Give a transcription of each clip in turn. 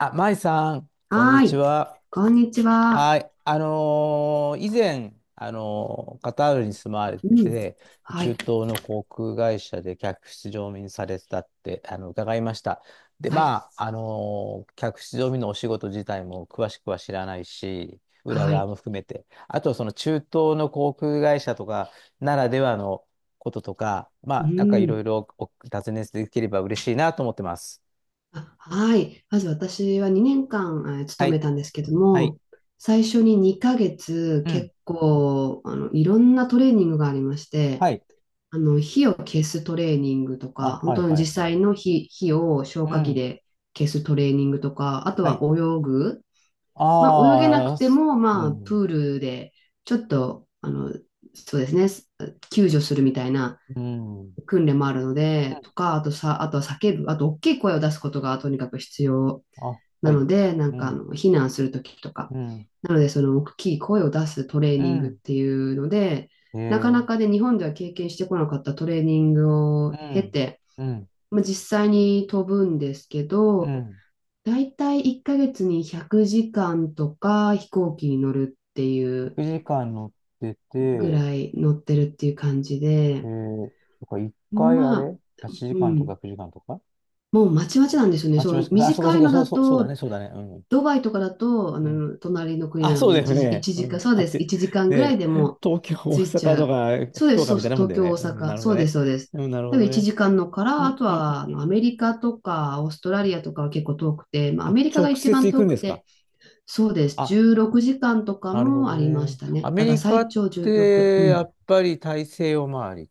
あ、舞さん、こんにはーちい。は。こんにちは。はい。以前、カタールに住まわれうてん。て、は中い。東の航空会社で客室乗務員されてたって、伺いました。で、はい。まあ、客室乗務員のお仕事自体も詳しくは知らないし、裏は側い。も含めて、あと、その中東の航空会社とかならではのこととか、まうあ、なんかいろいん。ろお尋ねできれば嬉しいなと思ってます。あ、はい。まず私は2年間、は勤めい。たんですけどはい。も、最初に2ヶ月うん。結構、いろんなトレーニングがありまして、はい。火を消すトレーニングとか、あ、本はい当にはい実はい。際の火を消う火器ん。で消すトレーニングとか、あとははい。泳ぐ。まあ、泳げなくああ、てす、も、うまあ、ん。プールで、ちょっと、そうですね、救助するみたいなうん。うん。訓練もあるので、とか、あとさ、あとは叫ぶ、あと大きい声を出すことがとにかく必要あ、はない。ので、なうんかあん。の避難するときとか、うん。なのでその大きい声を出すトレーうニングっん。ていうので、へなかなえ。かね、日本では経験してこなかったトレーニングうを経ん。て、うん。まあ、実際に飛ぶんですけうど、ん。だいたい1ヶ月に100時間とか飛行機に乗るっていう1時間乗ってぐて、らい乗ってるっていう感じえー、で、そっか、1回あまあ、れ？ 8 時う間とん、か9時間とか。もうまちまちなんですよね。あ、違そいまう、す。あ、そこ短そいこ、のそう、だそう、そうだと、ね、そうだね。うん。ドバイとかだと、あうん。の、隣の国あ、なのそうでだよ1時、ね。一う時間、ん。そうあでっす。て、1時間ねぐらいでえ、も東京、大着いち阪ゃう。とか、そうで福す、岡そうみたいそう、なもん東だよ京、ね。大うん、な阪。るほそどうです、ね。そうです。うん、なる多ほ分ど1ね。時間のかうら、あん、とうん、はあうん。のうアメん、リカとかオーストラリアとかは結構遠くて、まあ、アあ、メリカが直一接番行く遠んでくすか？て、そうです。あ、16時間とかなるほもどありましね。たアね。メだからリカ最っ長16。うて、やん。っぱり大西洋周り。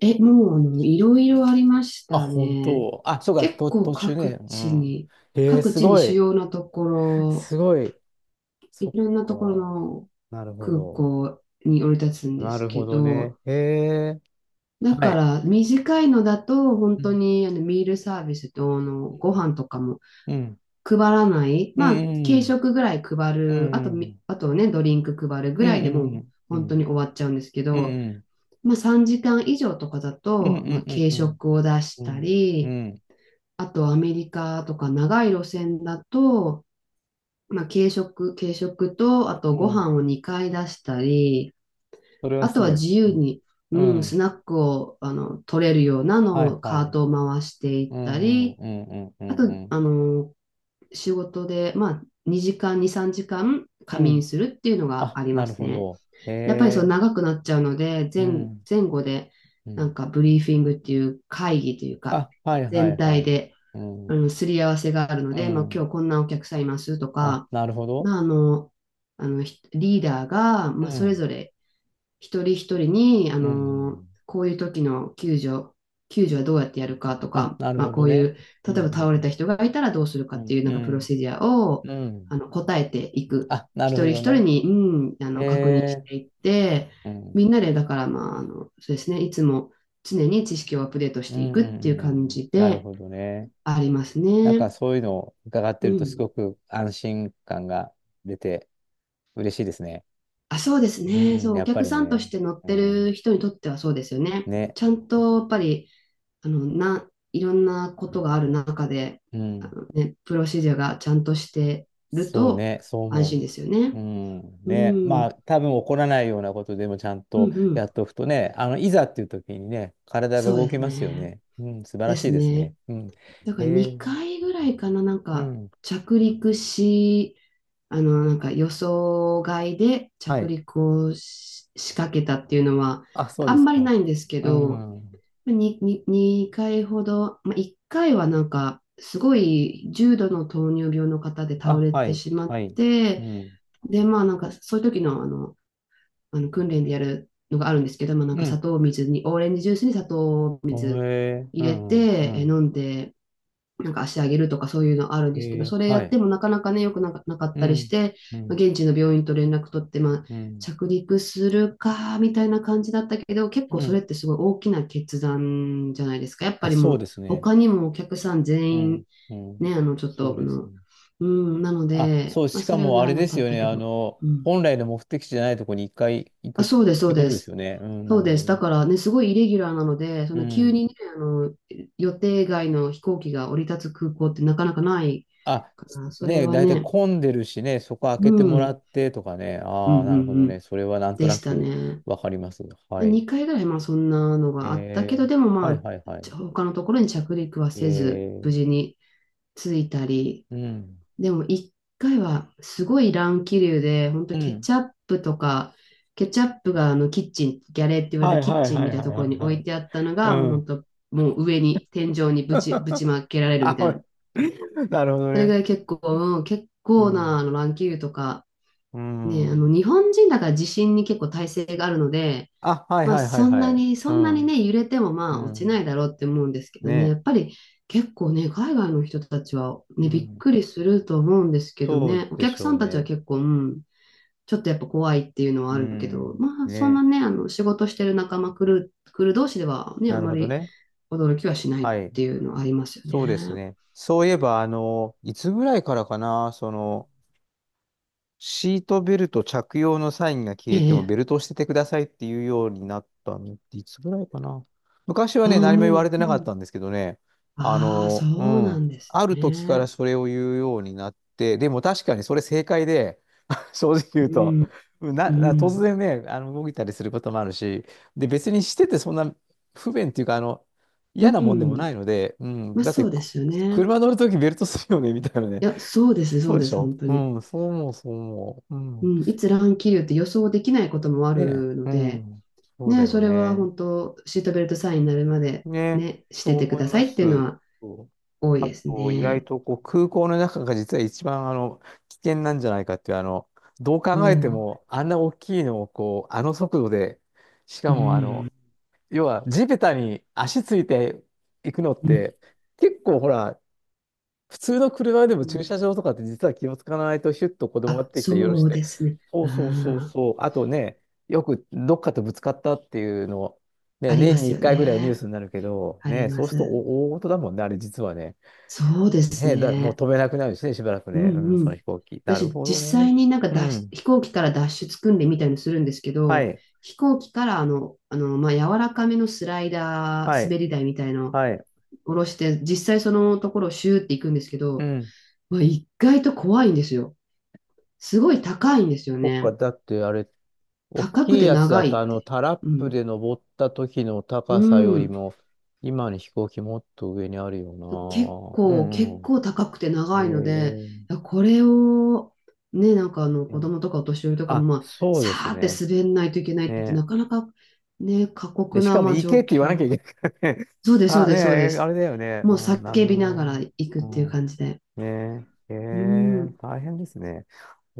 え、もう、あの、いろいろありましあ、た本ね。当。あ、そうか、結と、構途中ね。各う地ん。に、えー、各す地にご主い。要なところ、すごい。そっいろんなところか。のなるほ空ど。港に降り立つんでなするほけどね。ど、へえ。だはかい。ら短いのだと本う当ん。にあのミールサービスとあのご飯とかもうん。配らない、うまあ軽ん。食ぐらい配うる、あとみ、ん。あとね、ドリンク配るぐうらいでもうん。うん。う本当ん。に終わっちゃうんですけうん。うど、ん。まあ3時間以上とかだうん。うと、まあん。軽うん。食を出しうたん。うり、ん。あとアメリカとか長い路線だと、まあ、軽食と、あとうごん、飯を2回出したり、それはあとすはごい。自由に、ううん、スん。ナックをあの取れるようなのはいをはカーい。トを回していっうたんり、うんうんうあんうと、ん。あの、仕事で、まあ、2、3時間う仮眠ん。するっていうのがあ、ありまなるすほね。ど。へやっぱりそうえ。長くなっちゃうので、うん。前後で、うなん。んかブリーフィングっていう会議というか、あ、はいは全いは体い。でうあん。の、すり合わせがあるのうで、まあ、ん。今日こんなお客さんいますとあ、か、なるほど。まあ、ひリーダーが、うまあ、それん。ぞれ一人一人に、あうん。うの、ん、こういう時の救助はどうやってやるかとあ、か、なるまあ、ほこどういね。う、う例えばん。倒うれん。た人がいたらどうするかうってん。いうなうんかプロん。セデュアを、うん、あの、答えていく。あ、な一る人ほ一ど人ね。に、うん、あへの、確認しえ。ていって、うみん。んなで、だから、まあ、あの、そうですね、いつも常に知識をアップデートしうてん。いうくっていうん。う感ん、じなるでほどね。ありますなんかね。そういうのを伺っうてるとすん。ごく安心感が出て嬉しいですね。あ、そうですうね。ん。そう、おやっぱ客りさんとね。して乗っうてん。る人にとってはそうですよね。ね。ちゃんとやっぱり、あの、いろんなことがある中で、うあん。のね、プロシジャーがちゃんとしてるそうとね。そう安心思ですよう。ね。うん。うん、ね。うまあ、ん、多分起こらないようなことでもちゃんうとやん。っとくとね、いざっていう時にね、体がそう動できすますよね。ね。うん。素晴らでしいすですね。ね。うん。だかへらえ。2回ぐらいかな、なんうかん。着陸し、あの、なんか予想外では着い。陸をし仕掛けたっていうのは、あ、そうあでんすまりか。ないんですけうど、ん。に、に、2回ほど、まあ、1回はなんか、すごい重度の糖尿病の方で倒あ、れはてい。しまっはい。うて、ん。で、まあなんか、そういう時の、あの訓練でやるのがあるんですけど、まあなんかう砂ん。糖水に、オレンジジュースに砂糖をへえ。う入れん。うて、飲ん。んで、なんか足上げるとかそういうのあるんへですけど、え。それやはってい。もなかなかね、よくなかなかっうたりしん。て、うまあ、ん。現地の病院と連絡取って、まあ、うん。着陸するか、みたいな感じだったけど、結う構それっん。てすごい大きな決断じゃないですか。やっぱあ、りそもうう、ですね。他にもお客さんう全員、ん。うね、ん。あの、ちょっそと、うあですの、ね。うん、なのあ、で、そう、まあ、しそかれはもなあられなでかすっよたね。けど、うん。本来の目的地じゃないところに一回行くあ、っそうです、そてうこでとですす。よね。うん、なそうるほでどす。だね。からね、すごいイレギュラーなので、そうの急ん。にね、あの、予定外の飛行機が降り立つ空港ってなかなかないあ、から、それね、はだいたいね、混んでるしね、そこ開うけてん、うもらんってとかね。うんうああ、なるほどね。んそれはなんとでなしたくね。わかります。はい。2回ぐらいまあそんなのがあったけど、えでもー、まはいあ、はいはい。他のところに着陸はえせず、ー、無事に着いたり、うん。でも1回はすごい乱気流で、本当うケん。チャップとか、ケチャップがあのキッチン、ギャレーって言われはるいキッはいチンはみいたいはないとこはろいに置はいい。てあったのうが、もう本ん。当、もう上に、天井にぶち まけられるあ、みたほいら な。なるほどそれぐね。らい結構、うん、結う構なん。あの乱気流とか、うね、あの、ん。日本人だから地震に結構耐性があるので、あ、はいまあ、はいはいはい。そうんなにん。ね、揺れてもまうあ、落ちなん。いだろうって思うんですけどね、やねっぱり結構ね、海外の人たちはえ。うね、びっん。くりすると思うんですけどそうね、おで客しさょうんたちはね。結構、うん、ちょっとやっぱ怖いっていうのはうあるけど、ん。まあ、そんね、なね、あの、仕事してる仲間来る、来る同士ではね、あなるまほどりね。驚きはしないっはい。ていうのはありますよそうですね。ね。そういえば、いつぐらいからかな、その、シートベルト着用のサインが消ええてもえ、ベルトをしててくださいっていうようになったのっていつぐらいかな。昔はああ、ね、何も言われもてう、うなかっん。たんですけどね、あああ、その、ううなん、んですある時からね。それを言うようになって、でも確かにそれ正解で、正直言ううと、ん。な、う突ん。然ね、動いたりすることもあるし、で、別にしててそんな不便っていうか、う嫌なもんでもないん。ので、うん、まあ、だっそて、うでく、すよね。車乗るときベルトするよね、みたいなね。いや、そうですね、そそううででしす、ょ本当うに。ん、そう思う、そう思う。ううん。ん。いつ乱気流って予想できないこともあねるのえ、うで、ん。そうだね、そよれはね。本当、シートベルトサインになるまで、ね、ね、しそてうてく思いださまいっす。ていうのはそう、多いあですと、意外ね。とこう空港の中が実は一番危険なんじゃないかっていう、どうお考えてう。も、あんな大きいのをこう、あの速度で、しうかもあの、ん。要は地べたに足ついていくのっうん。て、結構ほら、普通の車でもう駐ん車場とかって実は気をつかないとヒュッと子供があ、出てきてよろそしうて。ですね。そううそうそうん。そう。あとね、よくどっかとぶつかったっていうの、ね、ありま年にす1よ回ぐらいニューね。スになるけど、ありね、まそうするとす。お大事だもんね、あれ実はね。そうですね、だ、もうね。飛べなくなるしね、しばらくうね。うん、んうそのん。飛行機。なる私、ほど実ね。際になんかう脱出ん。飛行機から脱出訓練みたいのするんですけはど、い。飛行機からまあ、柔らかめのスライダはー、い。滑り台みたいのはい。下ろして、実際そのところをシューって行くんですけうど、ん。まあ、意外と怖いんですよ。すごい高いんですよそっか、ね。だってあれ、大高くきいてやつだ長と、いって。タラッうプん。で登った時のう高さよりん。も、今の飛行機もっと上にあるよな。うん結うん。構高くてえ長いので、いやこれを、ね、なんかあのえ、子ね、供とかお年寄りとかも、あ、まあ、そうさですーってね。滑んないといけないってね。なかなか、ね、過で、酷しな、かもまあ、行状けって言わなきゃ況。いけないからね。そうです、そうあ、ねです、そうでえ、あす。れだよね。もううん、なるほ叫どびながらね。行くっうていうん。感じで。ねえ、えうえ。ん。大変ですね。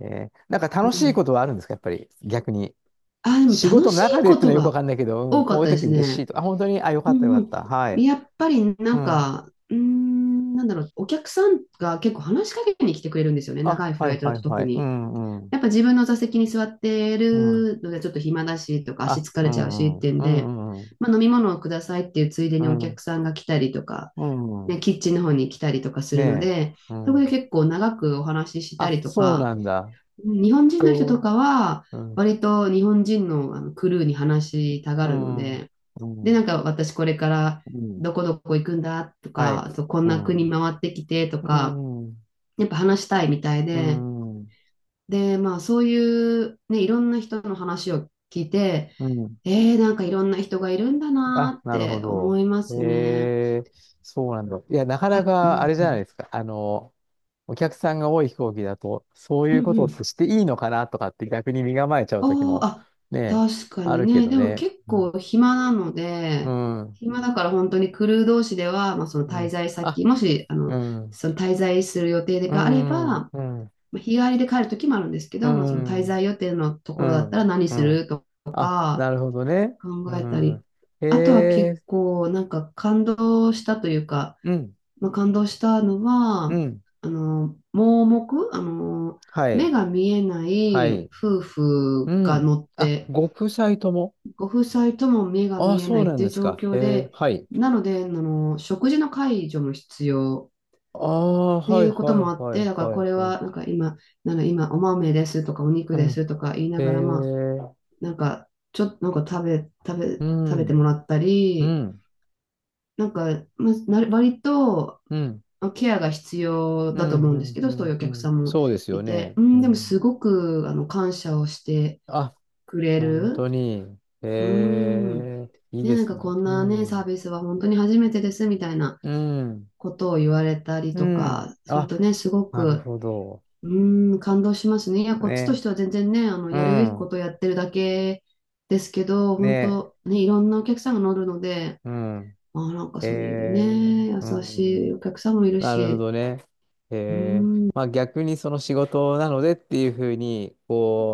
ええ。なんか楽しいねことはあるんですか、やっぱり、逆に。あ、でも仕楽事のしい中でっこていうのとはよくわがかんないけど、うん、多かこうっいうたで時す嬉しね。いと。あ、本当に、あ、よかうったよかんうった。はん。い。やっぱりなうんん。か、うーん、なんだろう、お客さんが結構話しかけに来てくれるんですよね。あ、長いフはラいイトだはといは特い。うに。んうん。やっぱ自分の座席に座ってうん。るのでちょっと暇だしとか足あ、疲うれちゃうしんうってん。いうんうんで、うんうまあ、飲み物をくださいっていうついでにおん。客さんが来たりとか、うん。うね、ん。キッチンの方に来たりとかすねるのえ。で、うそこでん。結構長くお話ししたあ、りとそうか、なんだ。日本人うの人とんかはうん。割と日本人のクルーに話したがうるのん。で、うで、なん。んか私これからうん。どこどこ行くんだとはい。か、あとこんうな国ん。回ってきてとうか、ん。やっぱ話したいみたいうで、ん。で、まあそういうね、いろんな人の話を聞いて、うん。なんかいろんな人がいるんだなあ、ーっなるほてど。思いますね。へえ、そうなんだ。いや、なかなあ、うかあん、れじうゃないでん、すか。お客さんが多い飛行機だと、そうういんうこうとってん。していいのかなとかって逆に身構えちゃうあ時ーもあ、ね、確かあにるけね。どでもね。結う構ん。暇なのうで、ん。暇だから本当にクルー同士では、まあ、そのう滞ん、在あ、先、もし、うん。その滞在する予定うがあれば、ん。うん。まあ日帰りで帰る時もあるんですけうど、まあ、その滞ん。在予定のとうころだったらん。何うすん、るとあ、か、なるほどね。う考えたり、ん。へあとは結え。構なんか感動したというか、うん。まあ、感動したのうは、ん。盲目、は目い。が見えなはいい。夫婦うがん。乗っあ、て、ご夫妻とも。ご夫妻とも目がああ、見えなそういっなんていでうす状か。へ況え。で、はい。なので、食事の介助も必要ああ、っていはいうはこといもあっはて、いだからはいこれはい。はなんか今、なんか今お豆ですとかお肉うでん。すとか言いなへがら、まあ、え。なんかちょっとなんかう食べてもん、らったうり、ん、なんか、まあ、な割とうん、うん、ケアが必要うだとん、思うんですけうど、そういん、うおう客ん、さんもそうですよいて、ね。ううん、でもすん。ごく感謝をしてあ、くれ本当る。に。うえん。え、いいね、でなんすかね。こんうなね、サーん、ビスは本当に初めてですみたいなうん、ことを言われたりうとん。かするあ、とね、すごなるく、ほど。うん、感動しますね。いや、こっちとしね。ては全然ね、うやるべきこん、とをやってるだけですけど、本ね。当ね、いろんなお客さんが乗るので、うん。まあ、なんかえそういうえ、ね、う優ん。しいお客さんもいるなるほし、どね。うーへえ。ん、うまん、あ逆にその仕事なのでっていうふうに、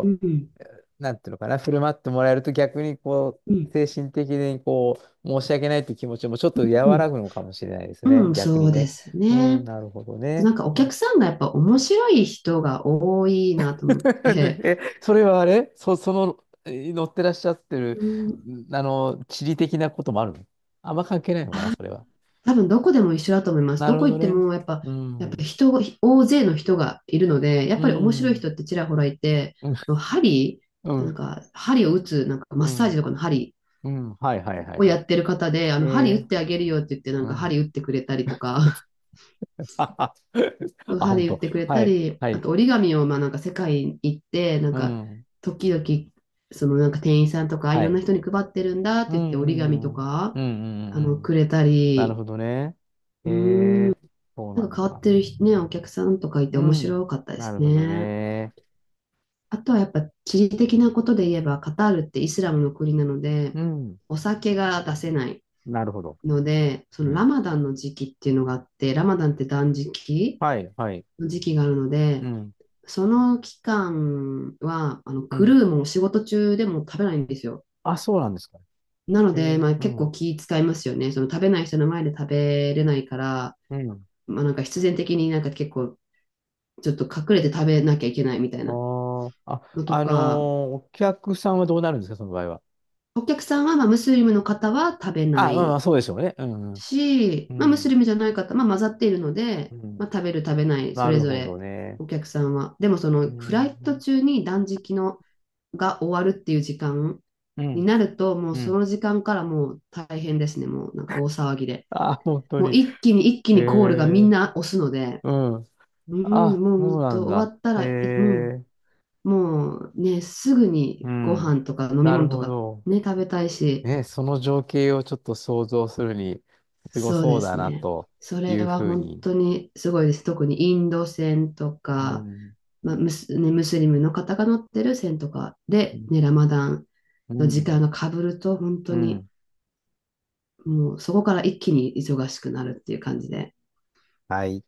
うん、う、なんていうのかな、振る舞ってもらえると逆にこうう、ん、精神的にこう、申し訳ないっていう気持ちもちょっと和うらぐのかもしれないですん、ね。うん逆そにうでね。すうん、ね。なるほどあとなね。んかお客さんがやっぱ面白い人が多いなと思っ て、え、それはあれそ、その、え乗ってらっしゃってる、うん、ん、地理的なこともあるの、あんま関係ないのかな、それは。多分どこでも一緒だと思います。などるほこ行どってね。もやっぱ、うやっぱん。人が、大勢の人がいるので、やっうぱり面白いん。人ってちらほらいて、うん。あの針、うなん。んか針を打つ、なんかマうッサージんとかの針うん、はいはいはいをはやい。ってる方で、あえの針打え、ってあげるよって言って、なんうかん。針打ってくれたりとか、あ、歯で本言っ当。てくれはたい、り、はあい。と折り紙をまあなんか世界に行って、なんうかん、時々そのなんか店員さんとかいはろんい。な人に配ってるんだっうて言って折り紙ん、とうん、かうん、うん、うんうん、くれたなるり、ほどね。うえーん、え、そうななんかん変わっだ。てる人ね、お客さんとかいてう面ん、白かったでなするほどね。ね。あとはやっぱ地理的なことで言えばカタールってイスラムの国なので、うん、お酒が出せないなるほど。ので、そのうラん。マダンの時期っていうのがあって、ラマダンって断食はい、はい。の時期があるのうで、ん、その期間は、うクん。ルーもん仕事中でも食べないんですよ。あ、そうなんですか。なのええ、で、まあう結構ん、気使いますよね。その食べない人の前で食べれないから、うん。まあなんか必然的になんか結構ちょっと隠れて食べなきゃいけないみたいあなーあ、のとか、お客さんはどうなるんですか、その場合は。お客さんはまあムスリムの方は食べなあ、まあまいあ、そうでしょうね。うん、うん、し、うまあムスリん。ムじゃない方、まあ混ざっているのうで、まあん、食べる食べない、そなれるぞほどれね。お客さんは。でもそうのフライトん。中に断食のが終わるっていう時間うにん。なると、もううそん。 の時間からもう大変ですね。もうなんか大騒ぎで。あ、本当もうに。一気えにコールがみんー、な押すので、うん。うん、あ、もうそう本な当ん終だ。わったえらい、もー、う、もうね、すぐにうごん。飯とか飲みなる物とほかど。ね、食べたいし、ね、その情景をちょっと想像するに、すごそうそうでだすな、ね。とそいれうはふう本に。当にすごいです。特にインド船とうか、ん。まあ、ムス、ね、ムスリムの方が乗ってる船とかうで、ん。ね、ラマダンうの時間ん。がかぶると、本う当にん。もうそこから一気に忙しくなるっていう感じで。はい。